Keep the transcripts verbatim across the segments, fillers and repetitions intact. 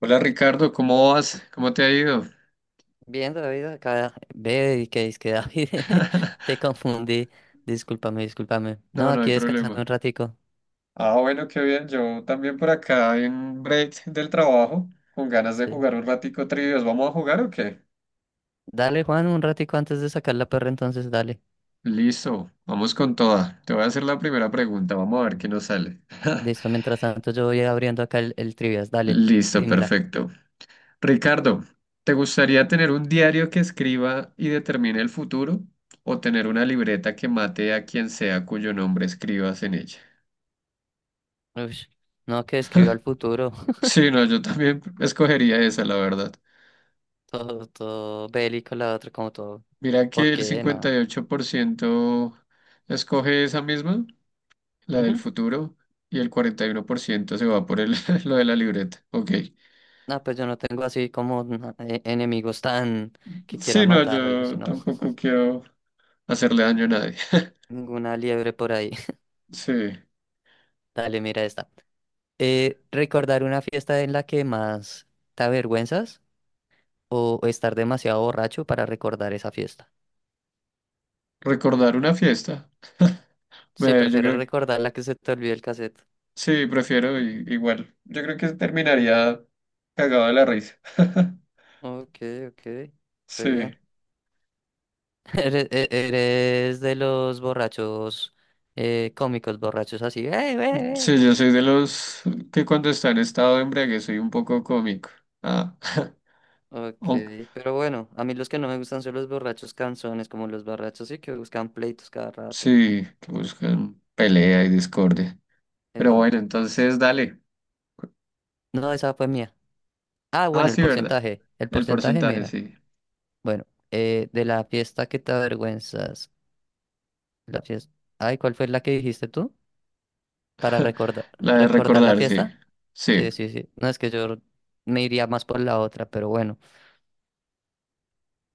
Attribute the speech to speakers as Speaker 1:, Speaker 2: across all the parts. Speaker 1: Hola Ricardo, ¿cómo vas? ¿Cómo te ha ido?
Speaker 2: Bien, David, acá ve y que es que David, te confundí. Discúlpame, discúlpame. No,
Speaker 1: No, no hay
Speaker 2: aquí descansando un
Speaker 1: problema.
Speaker 2: ratico.
Speaker 1: Ah, bueno, qué bien. Yo también por acá en break del trabajo, con ganas de
Speaker 2: Sí.
Speaker 1: jugar un ratico trivias. ¿Vamos a jugar o qué?
Speaker 2: Dale, Juan, un ratico antes de sacar la perra, entonces dale.
Speaker 1: Listo, vamos con toda. Te voy a hacer la primera pregunta, vamos a ver qué nos sale.
Speaker 2: Listo, mientras tanto yo voy abriendo acá el, el trivias. Dale,
Speaker 1: Listo,
Speaker 2: dímela.
Speaker 1: perfecto. Ricardo, ¿te gustaría tener un diario que escriba y determine el futuro o tener una libreta que mate a quien sea cuyo nombre escribas en ella?
Speaker 2: Ush, No, que escribió al futuro.
Speaker 1: Sí, no, yo también escogería esa, la verdad.
Speaker 2: Todo, todo bélico, la otra, como todo.
Speaker 1: Mira
Speaker 2: ¿Por
Speaker 1: que el
Speaker 2: qué?
Speaker 1: cincuenta
Speaker 2: Nada.
Speaker 1: y ocho por ciento escoge esa misma, la del
Speaker 2: Ujú.
Speaker 1: futuro, y el cuarenta y uno por ciento se va por el, lo de la libreta. Ok.
Speaker 2: No, pues yo no tengo así como na- eh, enemigos tan que quiera
Speaker 1: Sí, no,
Speaker 2: matar o algo,
Speaker 1: yo
Speaker 2: sino
Speaker 1: tampoco quiero hacerle daño a nadie.
Speaker 2: ninguna liebre por ahí.
Speaker 1: Sí,
Speaker 2: Dale, mira esta. Eh, ¿recordar una fiesta en la que más te avergüenzas o estar demasiado borracho para recordar esa fiesta?
Speaker 1: recordar una fiesta.
Speaker 2: Sí,
Speaker 1: Me- yo
Speaker 2: prefiero
Speaker 1: creo que
Speaker 2: recordar la que se te olvidó el cassette.
Speaker 1: sí, prefiero i- igual. Yo creo que terminaría cagado de la risa.
Speaker 2: Ok, ok, re bien.
Speaker 1: Sí,
Speaker 2: Eres, e- eres de los borrachos eh, cómicos, borrachos así. ¡Eh, eh, eh!
Speaker 1: sí, yo soy de los que cuando está en estado de embriaguez soy un poco cómico. Ah.
Speaker 2: Ok, pero bueno, a mí los que no me gustan son los borrachos canzones, como los borrachos sí que buscan pleitos cada rato.
Speaker 1: Sí, que buscan pelea y discordia. Pero
Speaker 2: Epa.
Speaker 1: bueno, entonces dale.
Speaker 2: No, esa fue mía. Ah,
Speaker 1: Ah,
Speaker 2: bueno, el
Speaker 1: sí, ¿verdad?
Speaker 2: porcentaje. El
Speaker 1: El
Speaker 2: porcentaje,
Speaker 1: porcentaje,
Speaker 2: mira.
Speaker 1: sí.
Speaker 2: Bueno, eh, de la fiesta que te avergüenzas. La fiesta. Ay, ¿cuál fue la que dijiste tú? Para recordar,
Speaker 1: La de
Speaker 2: recordar la
Speaker 1: recordar, sí.
Speaker 2: fiesta.
Speaker 1: Sí,
Speaker 2: Sí, sí, sí. No es que yo me iría más por la otra, pero bueno.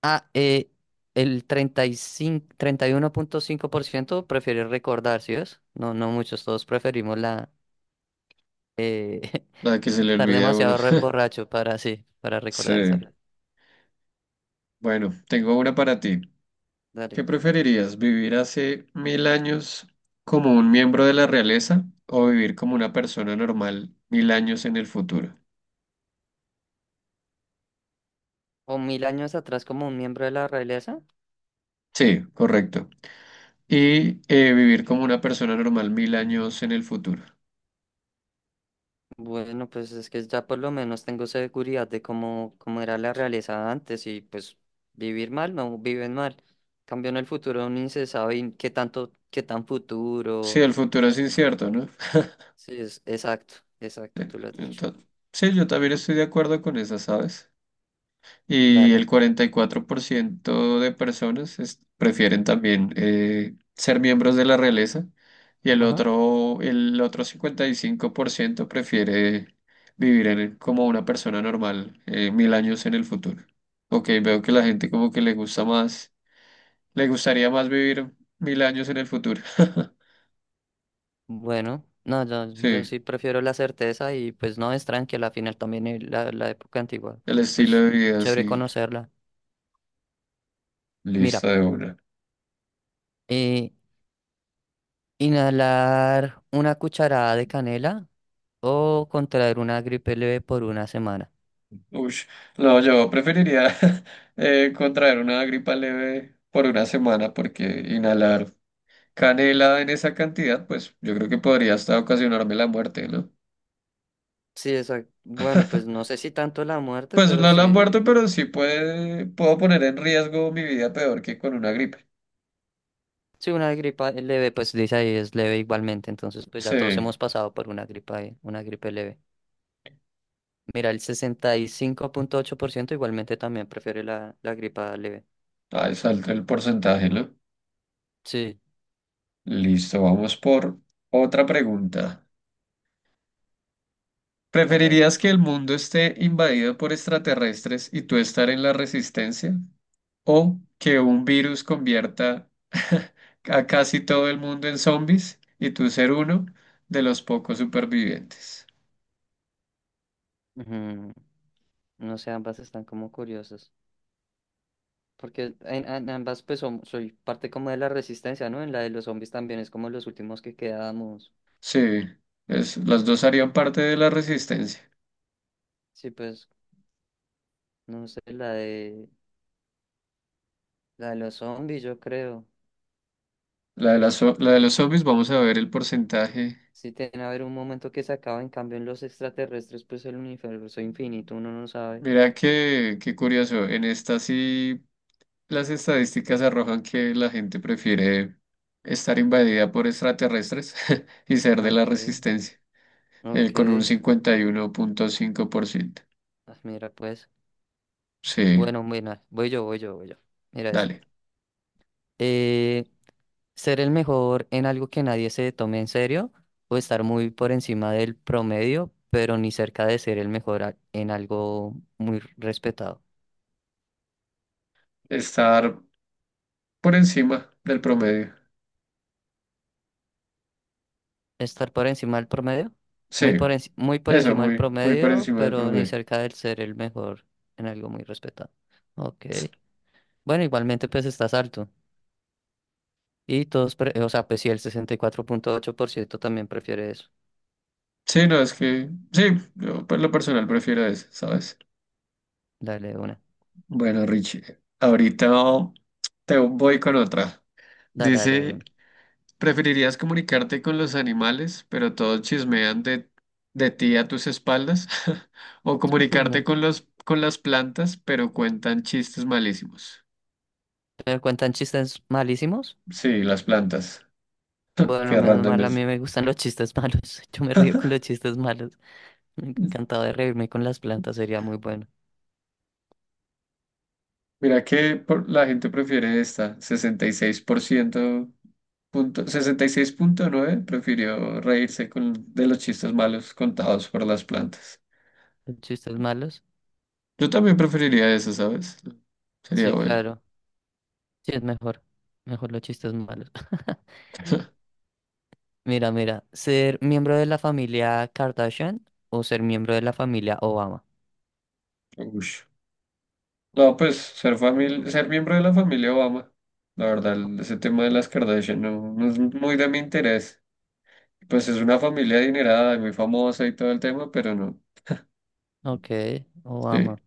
Speaker 2: Ah, eh, el treinta y cinco, treinta y uno punto cinco por ciento prefiere recordar, ¿sí ves? No, no muchos, todos preferimos la eh,
Speaker 1: la de que se le
Speaker 2: estar
Speaker 1: olvida a uno.
Speaker 2: demasiado re- borracho para, sí, para recordar esa
Speaker 1: Sí.
Speaker 2: fiesta.
Speaker 1: Bueno, tengo una para ti.
Speaker 2: Dale.
Speaker 1: ¿Qué preferirías, vivir hace mil años como un miembro de la realeza o vivir como una persona normal mil años en el futuro?
Speaker 2: O mil años atrás como un miembro de la realeza.
Speaker 1: Sí, correcto. Y eh, vivir como una persona normal mil años en el futuro.
Speaker 2: Bueno, pues es que ya por lo menos tengo seguridad de cómo, cómo era la realeza antes y pues vivir mal, no viven mal. Cambio en el futuro, ni se sabe y qué tanto, qué tan
Speaker 1: Sí,
Speaker 2: futuro.
Speaker 1: el futuro es incierto, ¿no?
Speaker 2: Sí, es exacto, exacto, tú lo has dicho.
Speaker 1: Entonces, sí, yo también estoy de acuerdo con esa, ¿sabes? Y el
Speaker 2: Dale.
Speaker 1: cuarenta y cuatro por ciento de personas es- prefieren también eh, ser miembros de la realeza y el
Speaker 2: Ajá.
Speaker 1: otro, el otro cincuenta y cinco por ciento prefiere vivir en- como una persona normal eh, mil años en el futuro. Ok, veo que la gente como que le gusta más, le gustaría más vivir mil años en el futuro.
Speaker 2: Bueno, no, yo, yo
Speaker 1: Sí,
Speaker 2: sí prefiero la certeza y pues no es tranquila, al final también el- la, la época antigua,
Speaker 1: el estilo
Speaker 2: pues
Speaker 1: de vida,
Speaker 2: chévere
Speaker 1: sí,
Speaker 2: conocerla. Mira,
Speaker 1: lista de una.
Speaker 2: eh, inhalar una cucharada de canela o contraer una gripe leve por una semana.
Speaker 1: Uy, no, yo preferiría eh, contraer una gripa leve por una semana porque inhalar canela en esa cantidad, pues yo creo que podría hasta ocasionarme la muerte, ¿no?
Speaker 2: Sí, exacto. Bueno, pues no sé si tanto la muerte,
Speaker 1: Pues
Speaker 2: pero
Speaker 1: no la muerte,
Speaker 2: sí.
Speaker 1: pero sí puede, puedo poner en riesgo mi vida peor que con una gripe.
Speaker 2: Si una gripa leve, pues dice ahí es leve igualmente, entonces pues ya
Speaker 1: Sí,
Speaker 2: todos hemos pasado por una gripa, eh, una gripe leve. Mira, el sesenta y cinco punto ocho por ciento igualmente también prefiere la, la gripa leve.
Speaker 1: ahí salta el porcentaje, ¿no?
Speaker 2: Sí,
Speaker 1: Listo, vamos por otra pregunta.
Speaker 2: dale, dale.
Speaker 1: ¿Preferirías que el mundo esté invadido por extraterrestres y tú estar en la resistencia, o que un virus convierta a casi todo el mundo en zombies y tú ser uno de los pocos supervivientes?
Speaker 2: Ujú. No sé, ambas están como curiosas. Porque en, en ambas, pues som- soy parte como de la resistencia, ¿no? En la de los zombies también es como los últimos que quedamos.
Speaker 1: Sí, es- las dos harían parte de la resistencia.
Speaker 2: Sí, pues no sé, la de, la de los zombies, yo creo.
Speaker 1: La de, las zo- la de los zombies, vamos a ver el porcentaje.
Speaker 2: Sí, tiene a haber un momento que se acaba, en cambio en los extraterrestres, pues el universo infinito, uno no sabe.
Speaker 1: Mira que, qué curioso, en esta sí las estadísticas arrojan que la gente prefiere estar invadida por extraterrestres y ser de la
Speaker 2: Ok,
Speaker 1: resistencia, eh, con un
Speaker 2: ok.
Speaker 1: cincuenta y uno punto cinco por ciento.
Speaker 2: Ah, mira, pues.
Speaker 1: Sí,
Speaker 2: Bueno, bueno, voy yo, voy yo, voy yo. Mira esta.
Speaker 1: dale.
Speaker 2: Eh, ser el mejor en algo que nadie se tome en serio o estar muy por encima del promedio, pero ni cerca de ser el mejor a- en algo muy respetado.
Speaker 1: Estar por encima del promedio.
Speaker 2: Estar por encima del promedio. Muy
Speaker 1: Sí,
Speaker 2: por, enci- muy por
Speaker 1: eso,
Speaker 2: encima del
Speaker 1: muy, muy por
Speaker 2: promedio,
Speaker 1: encima del
Speaker 2: pero ni
Speaker 1: promedio.
Speaker 2: cerca del ser el mejor en algo muy respetado. Ok. Bueno, igualmente pues estás alto. Y todos, pre- o sea, pues sí, el sesenta y cuatro punto ocho por ciento también prefiere eso.
Speaker 1: Sí, no, es que, sí, yo por lo personal prefiero eso, ¿sabes?
Speaker 2: Dale una.
Speaker 1: Bueno, Richie, ahorita te voy con otra.
Speaker 2: Dale, dale de
Speaker 1: Dice,
Speaker 2: una.
Speaker 1: ¿preferirías comunicarte con los animales, pero todos chismean de, de ti a tus espaldas? ¿O
Speaker 2: Uy,
Speaker 1: comunicarte
Speaker 2: no.
Speaker 1: con los, con las plantas, pero cuentan chistes malísimos?
Speaker 2: ¿Pero cuentan chistes malísimos?
Speaker 1: Sí, las plantas.
Speaker 2: Bueno,
Speaker 1: Qué
Speaker 2: menos
Speaker 1: random
Speaker 2: mal, a
Speaker 1: es.
Speaker 2: mí me gustan los chistes malos. Yo me río con los chistes malos. Me encantaba de reírme con las plantas, sería muy bueno.
Speaker 1: Mira que por- la gente prefiere esta, sesenta y seis por ciento punto, sesenta y seis punto nueve prefirió reírse con, de los chistes malos contados por las plantas.
Speaker 2: ¿Los chistes malos?
Speaker 1: Yo también preferiría eso, ¿sabes? Sería
Speaker 2: Sí,
Speaker 1: bueno.
Speaker 2: claro. Sí, es mejor. Mejor los chistes malos. Mira, mira, ¿ser miembro de la familia Kardashian o ser miembro de la familia Obama?
Speaker 1: Ush. No, pues ser famil- ser miembro de la familia Obama. La verdad, el- ese tema de las Kardashian no, no es muy de mi interés. Pues es una familia adinerada y muy famosa y todo el tema, pero no.
Speaker 2: Ok,
Speaker 1: Sí,
Speaker 2: Obama.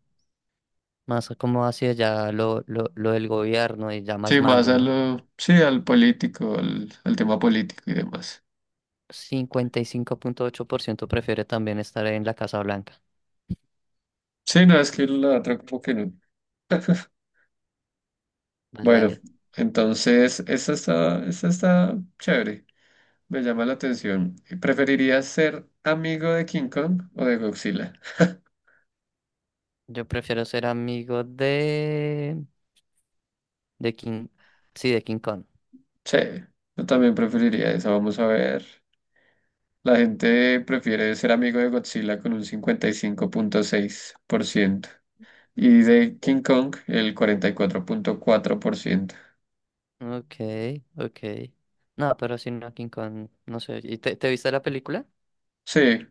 Speaker 2: Más como hacia ya lo, lo, lo del gobierno y ya más
Speaker 1: sí, más
Speaker 2: mando,
Speaker 1: a
Speaker 2: ¿no?
Speaker 1: lo, sí, al político, al, al tema político y demás.
Speaker 2: Cincuenta y cinco punto ocho por ciento prefiere también estar en la Casa Blanca.
Speaker 1: Sí, no, es que la otra como que no.
Speaker 2: Dale,
Speaker 1: Bueno,
Speaker 2: dale.
Speaker 1: entonces, esta está, esta está chévere. Me llama la atención. ¿Preferirías ser amigo de King Kong o de Godzilla?
Speaker 2: Yo prefiero ser amigo de... de King... Sí, de King Kong.
Speaker 1: Sí, yo también preferiría esa. Vamos a ver. La gente prefiere ser amigo de Godzilla con un cincuenta y cinco punto seis por ciento y de King Kong el cuarenta y cuatro cuatro punto cuatro por ciento.
Speaker 2: Ok, ok. No, pero si no, King Kong, no sé. ¿Y te, te viste la película?
Speaker 1: Sí,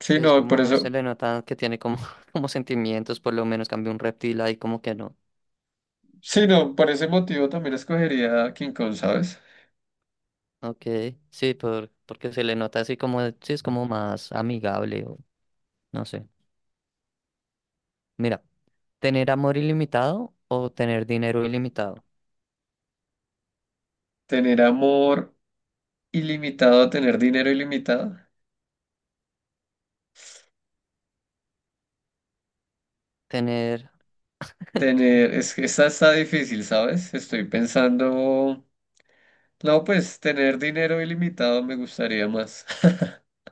Speaker 1: sí,
Speaker 2: Sí, es
Speaker 1: no, por
Speaker 2: como se
Speaker 1: eso,
Speaker 2: le nota que tiene como, como sentimientos, por lo menos cambia un reptil ahí como que no.
Speaker 1: sí, no, por ese motivo también escogería King Kong, ¿sabes?
Speaker 2: Ok, sí, por, porque se le nota así como, sí, es como más amigable o no sé. Mira, tener amor ilimitado o tener dinero ilimitado.
Speaker 1: Tener amor ilimitado, tener dinero ilimitado.
Speaker 2: Tener,
Speaker 1: Tener, es que esa está difícil, ¿sabes? Estoy pensando, no, pues tener dinero ilimitado me gustaría más.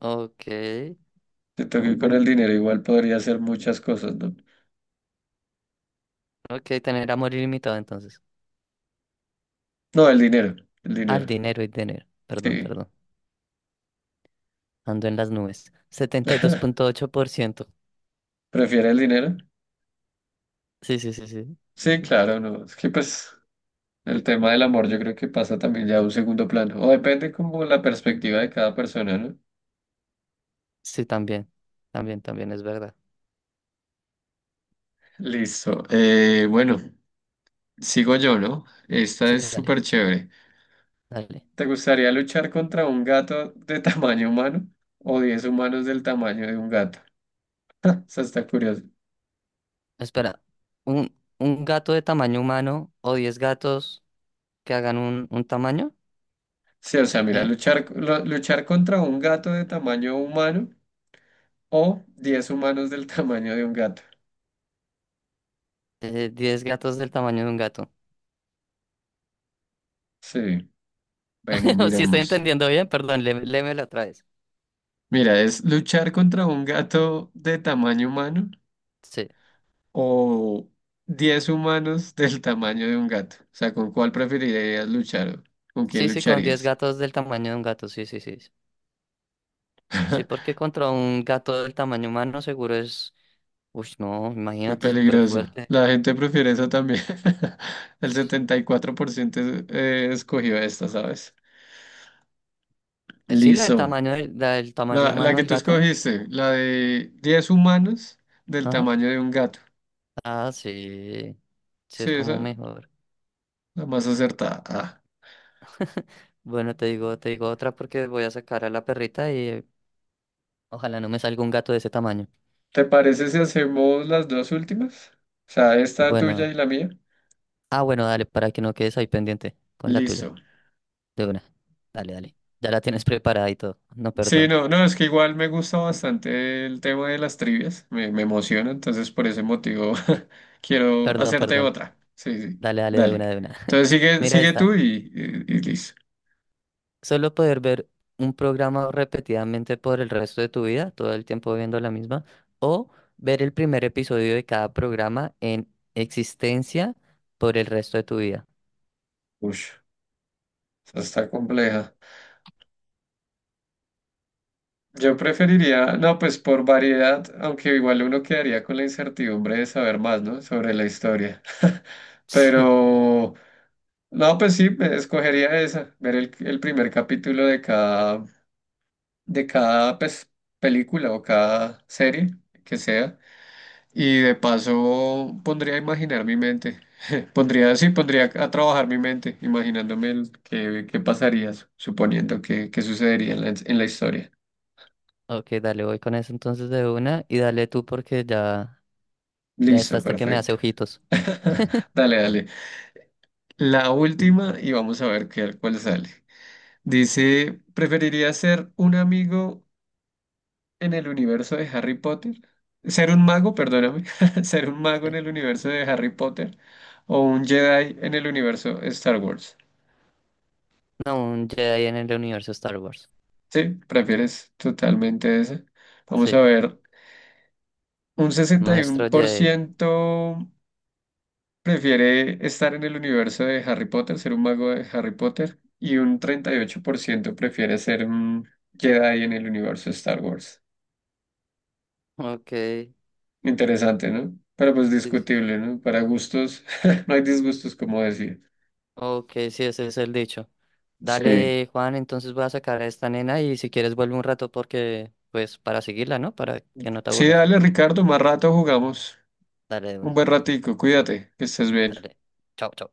Speaker 2: ok,
Speaker 1: Siento que con el dinero igual podría hacer muchas cosas, ¿no?
Speaker 2: ok, tener amor ilimitado entonces.
Speaker 1: No, el dinero, el
Speaker 2: Al
Speaker 1: dinero.
Speaker 2: dinero y dinero, perdón,
Speaker 1: Sí.
Speaker 2: perdón. Ando en las nubes. setenta y dos punto ocho por ciento
Speaker 1: ¿Prefiere el dinero?
Speaker 2: Sí, sí, sí, sí.
Speaker 1: Sí, claro, no. Es que pues el tema del amor yo creo que pasa también ya a un segundo plano. O depende como la perspectiva de cada persona, ¿no?
Speaker 2: Sí, también, también, también es verdad.
Speaker 1: Listo. Eh, bueno. Sigo yo, ¿no? Esta
Speaker 2: Sí,
Speaker 1: es
Speaker 2: dale,
Speaker 1: súper chévere.
Speaker 2: dale.
Speaker 1: ¿Te gustaría luchar contra un gato de tamaño humano o diez humanos del tamaño de un gato? Eso está curioso.
Speaker 2: Espera, ¿un, un gato de tamaño humano o diez gatos que hagan un, un tamaño?
Speaker 1: Sí, o sea, mira,
Speaker 2: ¿Eh?
Speaker 1: luchar, lo- luchar contra un gato de tamaño humano o diez humanos del tamaño de un gato.
Speaker 2: Eh, diez gatos del tamaño de un gato.
Speaker 1: Sí, ven,
Speaker 2: Si estoy
Speaker 1: miramos.
Speaker 2: entendiendo bien, perdón, lé- léemelo otra vez.
Speaker 1: Mira, es luchar contra un gato de tamaño humano
Speaker 2: Sí,
Speaker 1: o diez humanos del tamaño de un gato. O sea, ¿con cuál preferirías luchar? ¿O con quién
Speaker 2: sí, sí, con diez
Speaker 1: lucharías?
Speaker 2: gatos del tamaño de un gato, sí, sí, sí. Sí, Sí, porque contra un gato del tamaño humano seguro es... Uy, no,
Speaker 1: Muy
Speaker 2: imagínate, súper
Speaker 1: peligroso.
Speaker 2: fuerte.
Speaker 1: La gente prefiere eso también. El setenta y cuatro por ciento es- eh, escogió esta, ¿sabes?
Speaker 2: Eh, Sí, la del
Speaker 1: Listo.
Speaker 2: tamaño del, la del tamaño
Speaker 1: La, la
Speaker 2: humano
Speaker 1: que
Speaker 2: del
Speaker 1: tú
Speaker 2: gato.
Speaker 1: escogiste, la de diez humanos del
Speaker 2: Ajá.
Speaker 1: tamaño de un gato.
Speaker 2: Ah, sí, sí,
Speaker 1: Sí,
Speaker 2: es como
Speaker 1: esa,
Speaker 2: mejor.
Speaker 1: la más acertada. Ah.
Speaker 2: Bueno, te digo, te digo otra porque voy a sacar a la perrita y ojalá no me salga un gato de ese tamaño.
Speaker 1: ¿Te parece si hacemos las dos últimas? O sea, esta
Speaker 2: Bueno,
Speaker 1: tuya
Speaker 2: dale.
Speaker 1: y la mía.
Speaker 2: Ah, bueno, dale, para que no quedes ahí pendiente con la tuya.
Speaker 1: Listo.
Speaker 2: De una. Dale, dale. Ya la tienes preparada y todo. No,
Speaker 1: Sí,
Speaker 2: perdón.
Speaker 1: no, no, es que igual me gusta bastante el tema de las trivias, me, me emociona, entonces por ese motivo quiero
Speaker 2: Perdón,
Speaker 1: hacerte
Speaker 2: perdón.
Speaker 1: otra. Sí, sí,
Speaker 2: Dale, dale, de
Speaker 1: dale.
Speaker 2: una, de una.
Speaker 1: Entonces sigue,
Speaker 2: Mira
Speaker 1: sigue tú
Speaker 2: esta.
Speaker 1: y, y, y listo.
Speaker 2: Solo poder ver un programa repetidamente por el resto de tu vida, todo el tiempo viendo la misma, o ver el primer episodio de cada programa en existencia por el resto de tu vida.
Speaker 1: Uy, está compleja. Yo preferiría, no, pues por variedad, aunque igual uno quedaría con la incertidumbre de saber más, ¿no? Sobre la historia.
Speaker 2: Sí.
Speaker 1: Pero, no, pues sí, me escogería esa, ver el, el primer capítulo de cada, de cada, pues, película o cada serie que sea. Y de paso pondría a imaginar mi mente. Pondría, sí, pondría a trabajar mi mente, imaginándome el, qué, qué pasaría, suponiendo que, qué sucedería en la, en la historia.
Speaker 2: Ok, dale, voy con eso entonces de una y dale tú porque ya, ya está
Speaker 1: Listo,
Speaker 2: hasta que me hace
Speaker 1: perfecto.
Speaker 2: ojitos.
Speaker 1: Dale, dale. La última y vamos a ver qué, cuál sale. Dice, ¿preferiría ser un amigo en el universo de Harry Potter? Ser un mago, perdóname. Ser un mago en
Speaker 2: Sí.
Speaker 1: el universo de Harry Potter o un Jedi en el universo Star Wars.
Speaker 2: No, un Jedi en el universo Star Wars.
Speaker 1: Sí, prefieres totalmente ese. Vamos a
Speaker 2: Sí,
Speaker 1: ver, un sesenta y uno
Speaker 2: maestro
Speaker 1: por
Speaker 2: Jedi.
Speaker 1: ciento. prefiere estar en el universo de Harry Potter, ser un mago de Harry Potter, y un treinta y ocho por ciento prefiere ser un Jedi en el universo de Star Wars.
Speaker 2: Ok, sí,
Speaker 1: Interesante, ¿no? Pero pues
Speaker 2: sí. sí.
Speaker 1: discutible, ¿no? Para gustos, no hay disgustos, como decía.
Speaker 2: Ok, sí, ese es el dicho.
Speaker 1: Sí.
Speaker 2: Dale, Juan, entonces voy a sacar a esta nena y si quieres vuelve un rato porque, pues, para seguirla, ¿no? Para que no te
Speaker 1: Sí,
Speaker 2: aburras.
Speaker 1: dale, Ricardo, más rato jugamos.
Speaker 2: Dale de
Speaker 1: Un
Speaker 2: una.
Speaker 1: buen ratico, cuídate, que estés bien.
Speaker 2: Dale. Chao, chao.